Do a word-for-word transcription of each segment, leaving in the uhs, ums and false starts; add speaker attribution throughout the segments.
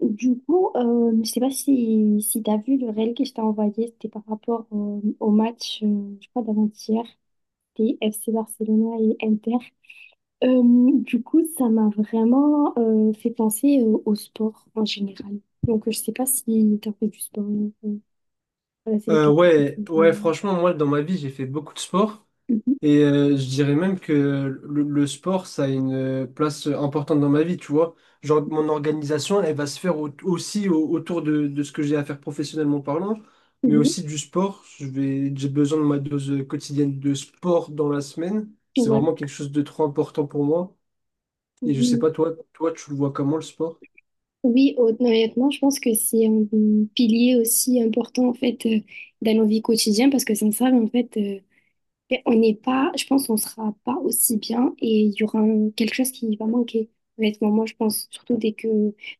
Speaker 1: Du coup, euh, je sais pas si, si tu as vu le réel que je t'ai envoyé, c'était par rapport euh, au match, euh, je crois, d'avant-hier, des F C Barcelona et Inter. Euh, du coup, ça m'a vraiment euh, fait penser euh, au sport en général. Donc, euh, je sais pas si tu as fait du sport. euh, voilà, c'est le
Speaker 2: Euh,
Speaker 1: question
Speaker 2: ouais, ouais,
Speaker 1: préférée.
Speaker 2: franchement, moi, dans ma vie, j'ai fait beaucoup de sport.
Speaker 1: Mhm,
Speaker 2: Et euh, je dirais même que le, le sport, ça a une place importante dans ma vie, tu vois. Genre, mon organisation, elle va se faire au- aussi au- autour de, de ce que j'ai à faire professionnellement parlant, mais
Speaker 1: mhm,
Speaker 2: aussi du sport. Je vais, j'ai besoin de ma dose quotidienne de sport dans la semaine. C'est
Speaker 1: ouais,
Speaker 2: vraiment quelque chose de trop important pour moi. Et je sais
Speaker 1: oui.
Speaker 2: pas, toi, toi, tu le vois comment le sport?
Speaker 1: Oui, honnêtement, je pense que c'est un pilier aussi important en fait euh, dans nos vies quotidiennes parce que sans ça, en fait, euh, mais on n'est pas, je pense qu'on sera pas aussi bien et il y aura un- quelque chose qui va manquer. Honnêtement, moi, je pense surtout dès que,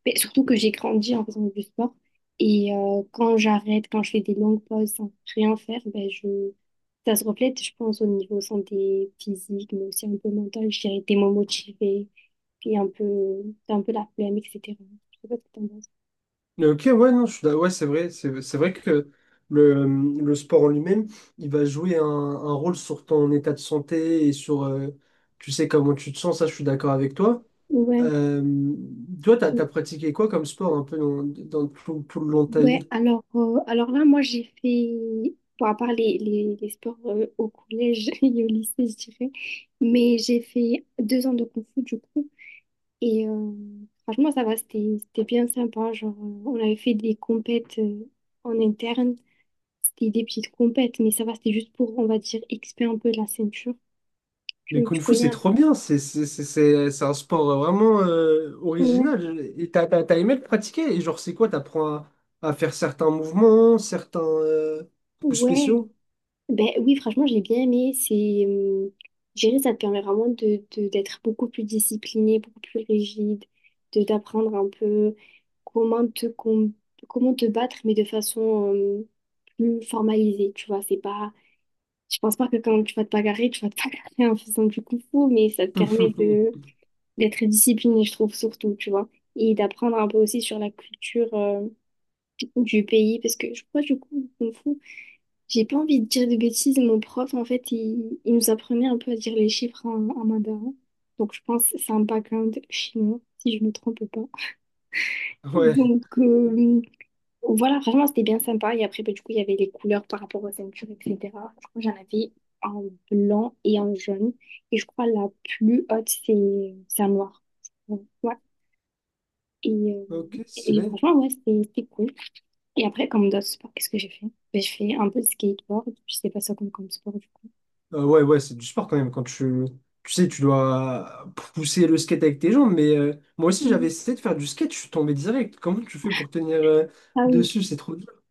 Speaker 1: mais surtout que j'ai grandi en faisant du sport et euh, quand j'arrête, quand je fais des longues pauses sans rien faire, ben je, ça se reflète, je pense, au niveau santé physique, mais aussi un peu mental. Je dirais, t'es moins motivé, puis un peu, t'as un peu la flemme, et cetera. Je sais pas ce que t'en penses.
Speaker 2: Ok, ouais, non, je suis d'a- ouais, c'est vrai, c'est c'est vrai que le, le sport en lui-même, il va jouer un, un rôle sur ton état de santé et sur, euh, tu sais, comment tu te sens, ça, je suis d'accord avec toi.
Speaker 1: Ouais.
Speaker 2: Euh, toi, t'as, t'as pratiqué quoi comme sport un peu dans, dans tout, tout le long de ta vie?
Speaker 1: Ouais, alors, euh, alors là, moi, j'ai fait, bon, à part les, les, les sports euh, au collège et au lycée, je dirais, mais j'ai fait deux ans de kung fu, du coup, et euh, franchement, ça va, c'était, c'était bien sympa, genre, euh, on avait fait des compètes euh, en interne, c'était des petites compètes, mais ça va, c'était juste pour, on va dire, expier un peu la ceinture,
Speaker 2: Le
Speaker 1: tu, tu
Speaker 2: kung-fu,
Speaker 1: connais
Speaker 2: c'est
Speaker 1: un peu.
Speaker 2: trop bien, c'est c'est- c'est- c'est- c'est un sport vraiment euh,
Speaker 1: Ouais,
Speaker 2: original. Et t'as, t'as, t'as aimé le pratiquer, et genre, c'est quoi? T'apprends à, à faire certains mouvements, certains euh, coups
Speaker 1: ouais.
Speaker 2: spéciaux?
Speaker 1: Ben oui, franchement, j'ai bien aimé. C'est, euh, je dirais, ça te permet vraiment de, de- d'être beaucoup plus discipliné, beaucoup plus rigide, de d'apprendre un peu comment te, com- comment te battre, mais de façon euh, plus formalisée. Tu vois, c'est pas, je pense pas que quand tu vas te bagarrer, tu vas te bagarrer en faisant du kung fu, mais ça te permet de d'être discipliné, je trouve, surtout, tu vois, et d'apprendre un peu aussi sur la culture euh, du pays, parce que je crois du coup, le kung fu. J'ai pas envie de dire de bêtises, mon prof, en fait, il, il nous apprenait un peu à dire les chiffres en, en mandarin. Donc, je pense que c'est un background chinois, si je me trompe pas.
Speaker 2: Ouais.
Speaker 1: Donc, euh, voilà, franchement, c'était bien sympa. Et après, bah, du coup, il y avait les couleurs par rapport aux ceintures, et cetera. Je crois que j'en avais en blanc et en jaune. Et je crois la plus haute, c'est c'est en noir. Donc, ouais. Et, euh,
Speaker 2: Ok,
Speaker 1: et
Speaker 2: stylé.
Speaker 1: franchement, ouais, c'était c'était cool. Et après, comme d'autres sports, qu'est-ce que j'ai fait? Ben, je fais un peu de skateboard. Je sais pas ça comme comme sport, du coup.
Speaker 2: Euh, ouais, ouais, c'est du sport quand même. Quand tu, tu sais, tu dois pousser le skate avec tes jambes. Mais euh, moi aussi, j'avais essayé de faire du skate. Je suis tombé direct. Comment tu fais pour tenir euh,
Speaker 1: Ah oui,
Speaker 2: dessus? C'est trop dur.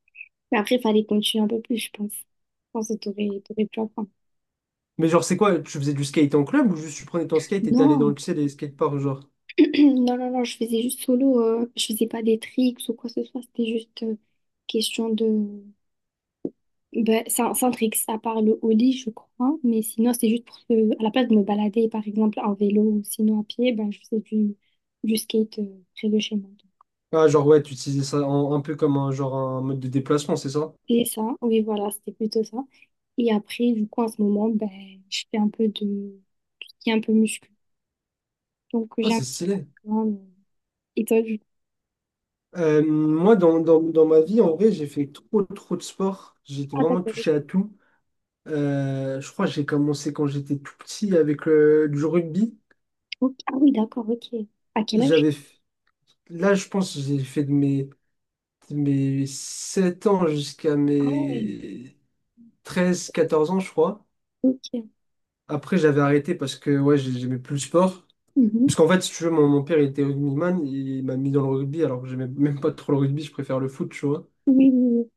Speaker 1: mais après, il fallait continuer un peu plus, je pense. Je pense que t'aurais, t'aurais pu apprendre.
Speaker 2: Mais genre, c'est quoi? Tu faisais du skate en club ou juste tu prenais ton skate et t'es allé dans
Speaker 1: Non.
Speaker 2: le, tu sais, les skateparks, genre?
Speaker 1: Non, non, non, je faisais juste solo. Euh, je faisais pas des tricks ou quoi que ce soit. C'était juste euh, question de. Ben, sans, sans tricks, à part le ollie, je crois. Mais sinon, c'était juste pour que, à la place de me balader, par exemple, en vélo ou sinon à pied, ben, je faisais du, du skate euh, près de chez moi.
Speaker 2: Ah, genre, ouais, tu utilisais ça en- un peu comme un, genre, un mode de déplacement, c'est ça?
Speaker 1: Et ça, oui, voilà, c'était plutôt ça. Et après, du coup, en ce moment, ben, je fais un peu de tout ce qui est un peu muscu. Donc,
Speaker 2: Ah,
Speaker 1: j'ai un
Speaker 2: c'est
Speaker 1: petit
Speaker 2: stylé.
Speaker 1: programme. Et toi, du coup,
Speaker 2: Euh, moi, dans, dans, dans ma vie, en vrai, j'ai fait trop, trop de sport. J'étais
Speaker 1: ah
Speaker 2: vraiment
Speaker 1: d'accord.
Speaker 2: touché à tout. Euh, je crois que j'ai commencé quand j'étais tout petit avec euh, du rugby.
Speaker 1: Ok. Ah oui, d'accord, ok. À quel âge?
Speaker 2: J'avais, f- là, je pense que j'ai fait de mes, de mes sept ans jusqu'à
Speaker 1: Ah ouais,
Speaker 2: mes treize quatorze ans, je crois.
Speaker 1: ok.
Speaker 2: Après, j'avais arrêté parce que ouais, j'ai- j'aimais plus le sport.
Speaker 1: Mhm.
Speaker 2: Parce qu'en fait, si tu veux, mon, mon père il était rugbyman, il m'a mis dans le rugby alors que j'aimais même pas trop le rugby, je préfère le foot, tu vois.
Speaker 1: Oui, oui, oui.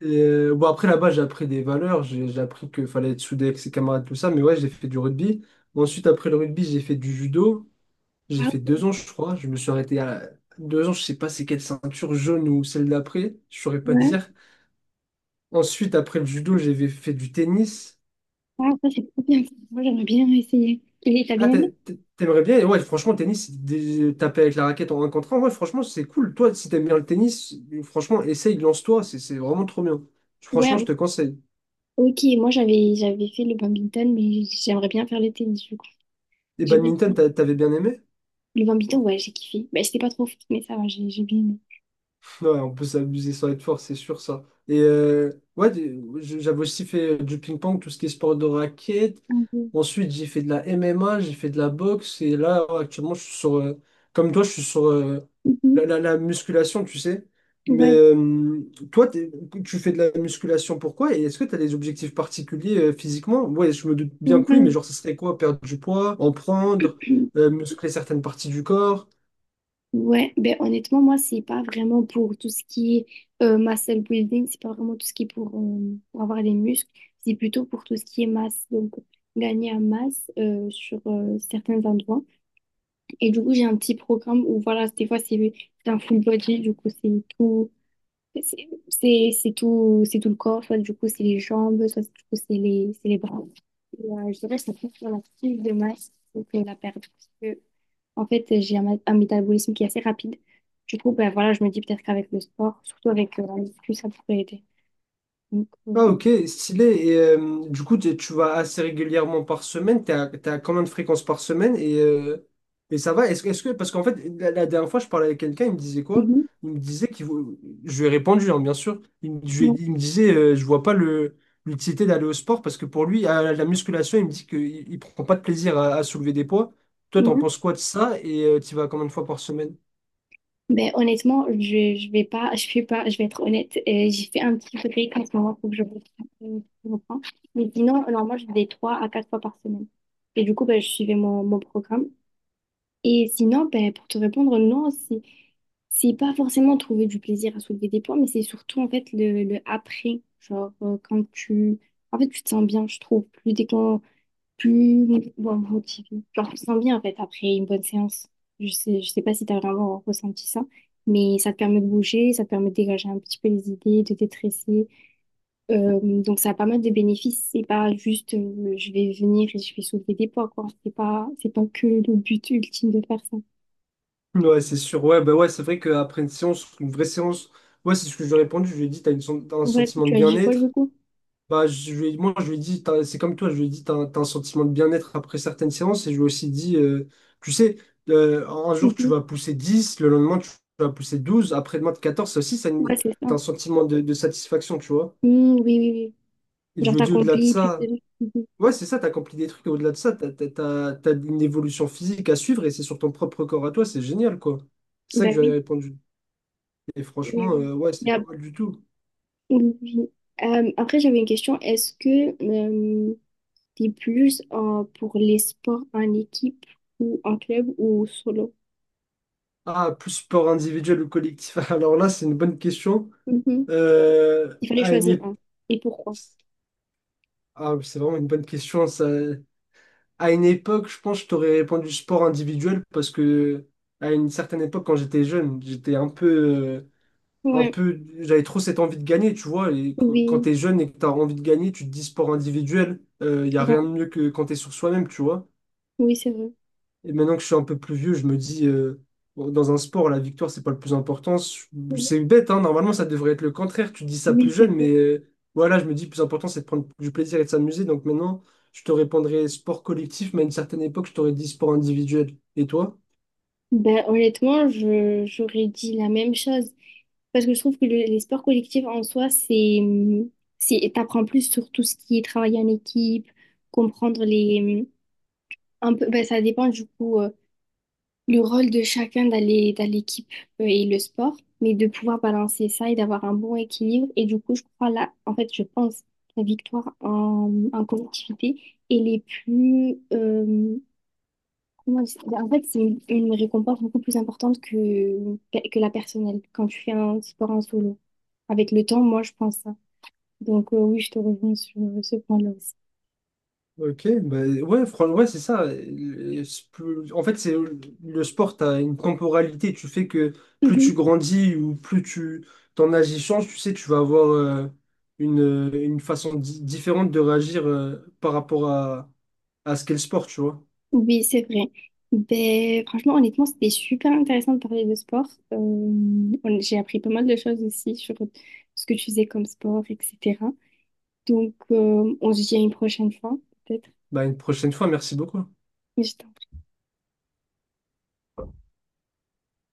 Speaker 2: Et euh, bon, après là-bas, j'ai appris des valeurs, j'ai j'ai appris qu'il fallait être soudé avec ses camarades, tout ça, mais ouais, j'ai fait du rugby. Ensuite, après le rugby, j'ai fait du judo. J'ai
Speaker 1: Ah
Speaker 2: fait
Speaker 1: ouais.
Speaker 2: deux ans, je crois. Je me suis arrêté à deux ans. Je sais pas c'est quelle ceinture jaune ou celle d'après. Je saurais pas te
Speaker 1: Ouais.
Speaker 2: dire. Ensuite, après le judo, j'avais fait du tennis.
Speaker 1: Ah, ça c'est trop bien. Moi, j'aimerais bien essayer. Et t'as
Speaker 2: Ah,
Speaker 1: bien aimé?
Speaker 2: t'a- t'a- t'aimerais bien? Et ouais, franchement, tennis, c'est des- taper avec la raquette en un contre un. Ouais, franchement, c'est cool. Toi, si t'aimes bien le tennis, franchement, essaye, lance-toi. C'est c'est vraiment trop bien.
Speaker 1: Ouais,
Speaker 2: Franchement, je te
Speaker 1: m-
Speaker 2: conseille.
Speaker 1: ok. Moi, j'avais j'avais fait le badminton, mais j'aimerais bien faire le tennis, du coup.
Speaker 2: Et
Speaker 1: J'ai bien
Speaker 2: badminton,
Speaker 1: aimé.
Speaker 2: t'a- t'avais bien aimé?
Speaker 1: Le badminton, ouais, j'ai kiffé. Bah, c'était pas trop fort, mais ça va, j'ai j'ai bien aimé.
Speaker 2: Ouais, on peut s'abuser sans être fort, c'est sûr ça. Et euh, ouais, des- je- j'avais aussi fait euh, du ping-pong, tout ce qui est sport de raquette.
Speaker 1: Ah ouais.
Speaker 2: Ensuite, j'ai fait de la M M A, j'ai fait de la boxe. Et là, actuellement, je suis sur, euh, comme toi, je suis sur euh, la,
Speaker 1: Mhm.
Speaker 2: la- la musculation, tu sais. Mais
Speaker 1: Ouais.
Speaker 2: euh, toi, t'es- tu fais de la musculation, pourquoi? Et est-ce que tu as des objectifs particuliers euh, physiquement? Ouais, je me doute bien que oui, mais
Speaker 1: Ouais.
Speaker 2: genre, ce serait quoi? Perdre du poids, en prendre, euh, muscler certaines parties du corps?
Speaker 1: Ouais, ben honnêtement, moi, c'est pas vraiment pour tout ce qui est euh, muscle building, c'est pas vraiment tout ce qui est pour, euh, pour avoir des muscles, c'est plutôt pour tout ce qui est masse, donc gagner en masse euh, sur euh, certains endroits. Et du coup, j'ai un petit programme où, voilà, des fois, c'est c'est un full body, du coup, c'est tout, c'est c'est- c'est tout, c'est tout le corps, soit du coup, c'est les jambes, soit du coup, c'est les, c'est les bras. Et, euh, je dirais que ça compte sur la prise de masse, donc euh, la perte. En fait, j'ai un, ma- un métabolisme qui est assez rapide. Du coup, ben voilà, je me dis peut-être qu'avec le sport, surtout avec euh, la muscu, ça pourrait aider. Donc, euh,
Speaker 2: Ah ok, stylé. Et euh, du coup, tu tu vas assez régulièrement par semaine. T'es à, t'es à combien de fréquences par semaine? Et, euh, et ça va? Est-ce, que- est-ce que parce qu'en fait, la, la dernière fois, je parlais avec quelqu'un, il me disait quoi?
Speaker 1: mhm,
Speaker 2: Il me disait qu'il vou- je lui ai répondu, hein, bien sûr. Il, me je lui ai
Speaker 1: ouais,
Speaker 2: dit- il me disait, euh, je vois pas le l'utilité d'aller au sport parce que pour lui, à la, la musculation, il me dit qu'il il prend pas de plaisir à, à soulever des poids. Toi, t'en
Speaker 1: ouais.
Speaker 2: penses quoi de ça? Et tu vas combien de fois par semaine?
Speaker 1: Ben, honnêtement, je, je vais pas, je fais pas, je vais être honnête. Euh, j'ai fait un petit break en ce moment, pour que je reprenne. Je reprends. Mais sinon, normalement, je fais des trois à quatre fois par semaine. Et du coup, ben, je suivais mon, mon programme. Et sinon, ben, pour te répondre, non, c'est, c'est pas forcément trouver du plaisir à soulever des poids, mais c'est surtout en fait le, le après. Genre, euh, quand tu. En fait, tu te sens bien, je trouve, plus décon... plus bon, motivé. Genre, tu te sens bien en fait après une bonne séance. Je sais, je sais pas si t'as vraiment ressenti ça, mais ça te permet de bouger, ça te permet de dégager un petit peu les idées, de détresser. Euh, donc, ça a pas mal de bénéfices. C'est pas juste euh, je vais venir et je vais soulever des poids, quoi. C'est pas, c'est pas que le but ultime de faire ça.
Speaker 2: Ouais, c'est sûr. Ouais, bah ouais, c'est vrai qu'après une séance, une vraie séance, ouais c'est ce que je lui ai répondu. Je lui ai dit, t'as une sen- t'as un
Speaker 1: Ouais,
Speaker 2: sentiment de
Speaker 1: tu as dit quoi du
Speaker 2: bien-être.
Speaker 1: coup?
Speaker 2: Bah, je lui ai- moi, je lui ai dit, t'as- c'est comme toi, je lui ai dit, t'as un, t'as un sentiment de bien-être après certaines séances. Et je lui ai aussi dit, euh, tu sais, euh, un jour, tu
Speaker 1: Mhm.
Speaker 2: vas pousser dix le lendemain, tu vas pousser douze après-demain, quatorze. Ça aussi, ça,
Speaker 1: Ouais,
Speaker 2: une-
Speaker 1: c'est
Speaker 2: t'as
Speaker 1: ça.
Speaker 2: un sentiment de, de satisfaction, tu vois.
Speaker 1: Mm, oui, oui, oui.
Speaker 2: Et je
Speaker 1: Genre,
Speaker 2: lui ai dit, au-delà de
Speaker 1: t'accomplis plus
Speaker 2: ça,
Speaker 1: de. Mhm.
Speaker 2: ouais, c'est ça, t'as accompli des trucs. Et au-delà de ça, t'as, t'as, t'as- t'as une évolution physique à suivre et c'est sur ton propre corps à toi, c'est génial, quoi. C'est ça que
Speaker 1: Ben
Speaker 2: je lui ai
Speaker 1: oui,
Speaker 2: répondu. Et
Speaker 1: oui,
Speaker 2: franchement,
Speaker 1: oui.
Speaker 2: euh, ouais,
Speaker 1: Il Y
Speaker 2: c'était pas
Speaker 1: a-
Speaker 2: mal du tout.
Speaker 1: oui, oui. Euh, après, j'avais une question. Est-ce que euh, t'es plus euh, pour les sports en équipe ou en club ou solo?
Speaker 2: Ah, plus sport individuel ou collectif? Alors là, c'est une bonne question.
Speaker 1: Mhm.
Speaker 2: Euh,
Speaker 1: Il fallait
Speaker 2: à une
Speaker 1: choisir
Speaker 2: ép-
Speaker 1: un. Et pourquoi?
Speaker 2: Ah, oui, c'est vraiment une bonne question. Ça... À une époque, je pense que je t'aurais répondu sport individuel parce que à une certaine époque, quand j'étais jeune, j'étais un peu, euh, un
Speaker 1: Ouais,
Speaker 2: peu, j'avais trop cette envie de gagner, tu vois. Et qu- quand
Speaker 1: oui,
Speaker 2: t'es jeune et que t'as envie de gagner, tu te dis sport individuel. Il y a rien
Speaker 1: ouais.
Speaker 2: de mieux que quand t'es sur soi-même, tu vois.
Speaker 1: Oui, c'est vrai.
Speaker 2: Et maintenant que je suis un peu plus vieux, je me dis, euh, bon, dans un sport, la victoire, c'est pas le plus important. C'est bête, hein, normalement, ça devrait être le contraire. Tu dis ça plus
Speaker 1: Oui, c'est
Speaker 2: jeune,
Speaker 1: vrai.
Speaker 2: mais euh, voilà, je me dis, le plus important, c'est de prendre du plaisir et de s'amuser. Donc maintenant, je te répondrai sport collectif, mais à une certaine époque, je t'aurais dit sport individuel. Et toi?
Speaker 1: Ben, honnêtement, je, j'aurais dit la même chose. Parce que je trouve que le- les sports collectifs en soi, c'est, c'est, t'apprends plus sur tout ce qui est travailler en équipe, comprendre les, un peu, ben, ça dépend du coup, euh, le rôle de chacun dans les- dans l'équipe euh, et le sport, mais de pouvoir balancer ça et d'avoir un bon équilibre. Et du coup, je crois là, en fait, je pense, la victoire en, en collectivité, elle est plus, euh, comment dire ben, en fait, c'est une, une récompense beaucoup plus importante que, que la personnelle quand tu fais un sport en solo. Avec le temps, moi, je pense ça. Donc, euh, oui, je te rejoins sur euh, ce point-là aussi.
Speaker 2: Ok, bah ouais, fran- ouais, c'est ça. Le- c'est plus- En fait, c'est le sport, t'as une temporalité. Tu fais que plus tu
Speaker 1: Mhm.
Speaker 2: grandis ou plus tu ton âge y change, tu sais, tu vas avoir euh, une, euh, une façon di- différente de réagir euh, par rapport à, à ce qu'est le sport, tu vois.
Speaker 1: Oui, c'est vrai. Ben, franchement, honnêtement, c'était super intéressant de parler de sport. Euh, on- j'ai appris pas mal de choses aussi sur ce que tu faisais comme sport, et cetera. Donc, euh, on se dit à une prochaine fois, peut-être.
Speaker 2: Bah, une prochaine fois, merci beaucoup.
Speaker 1: Mais je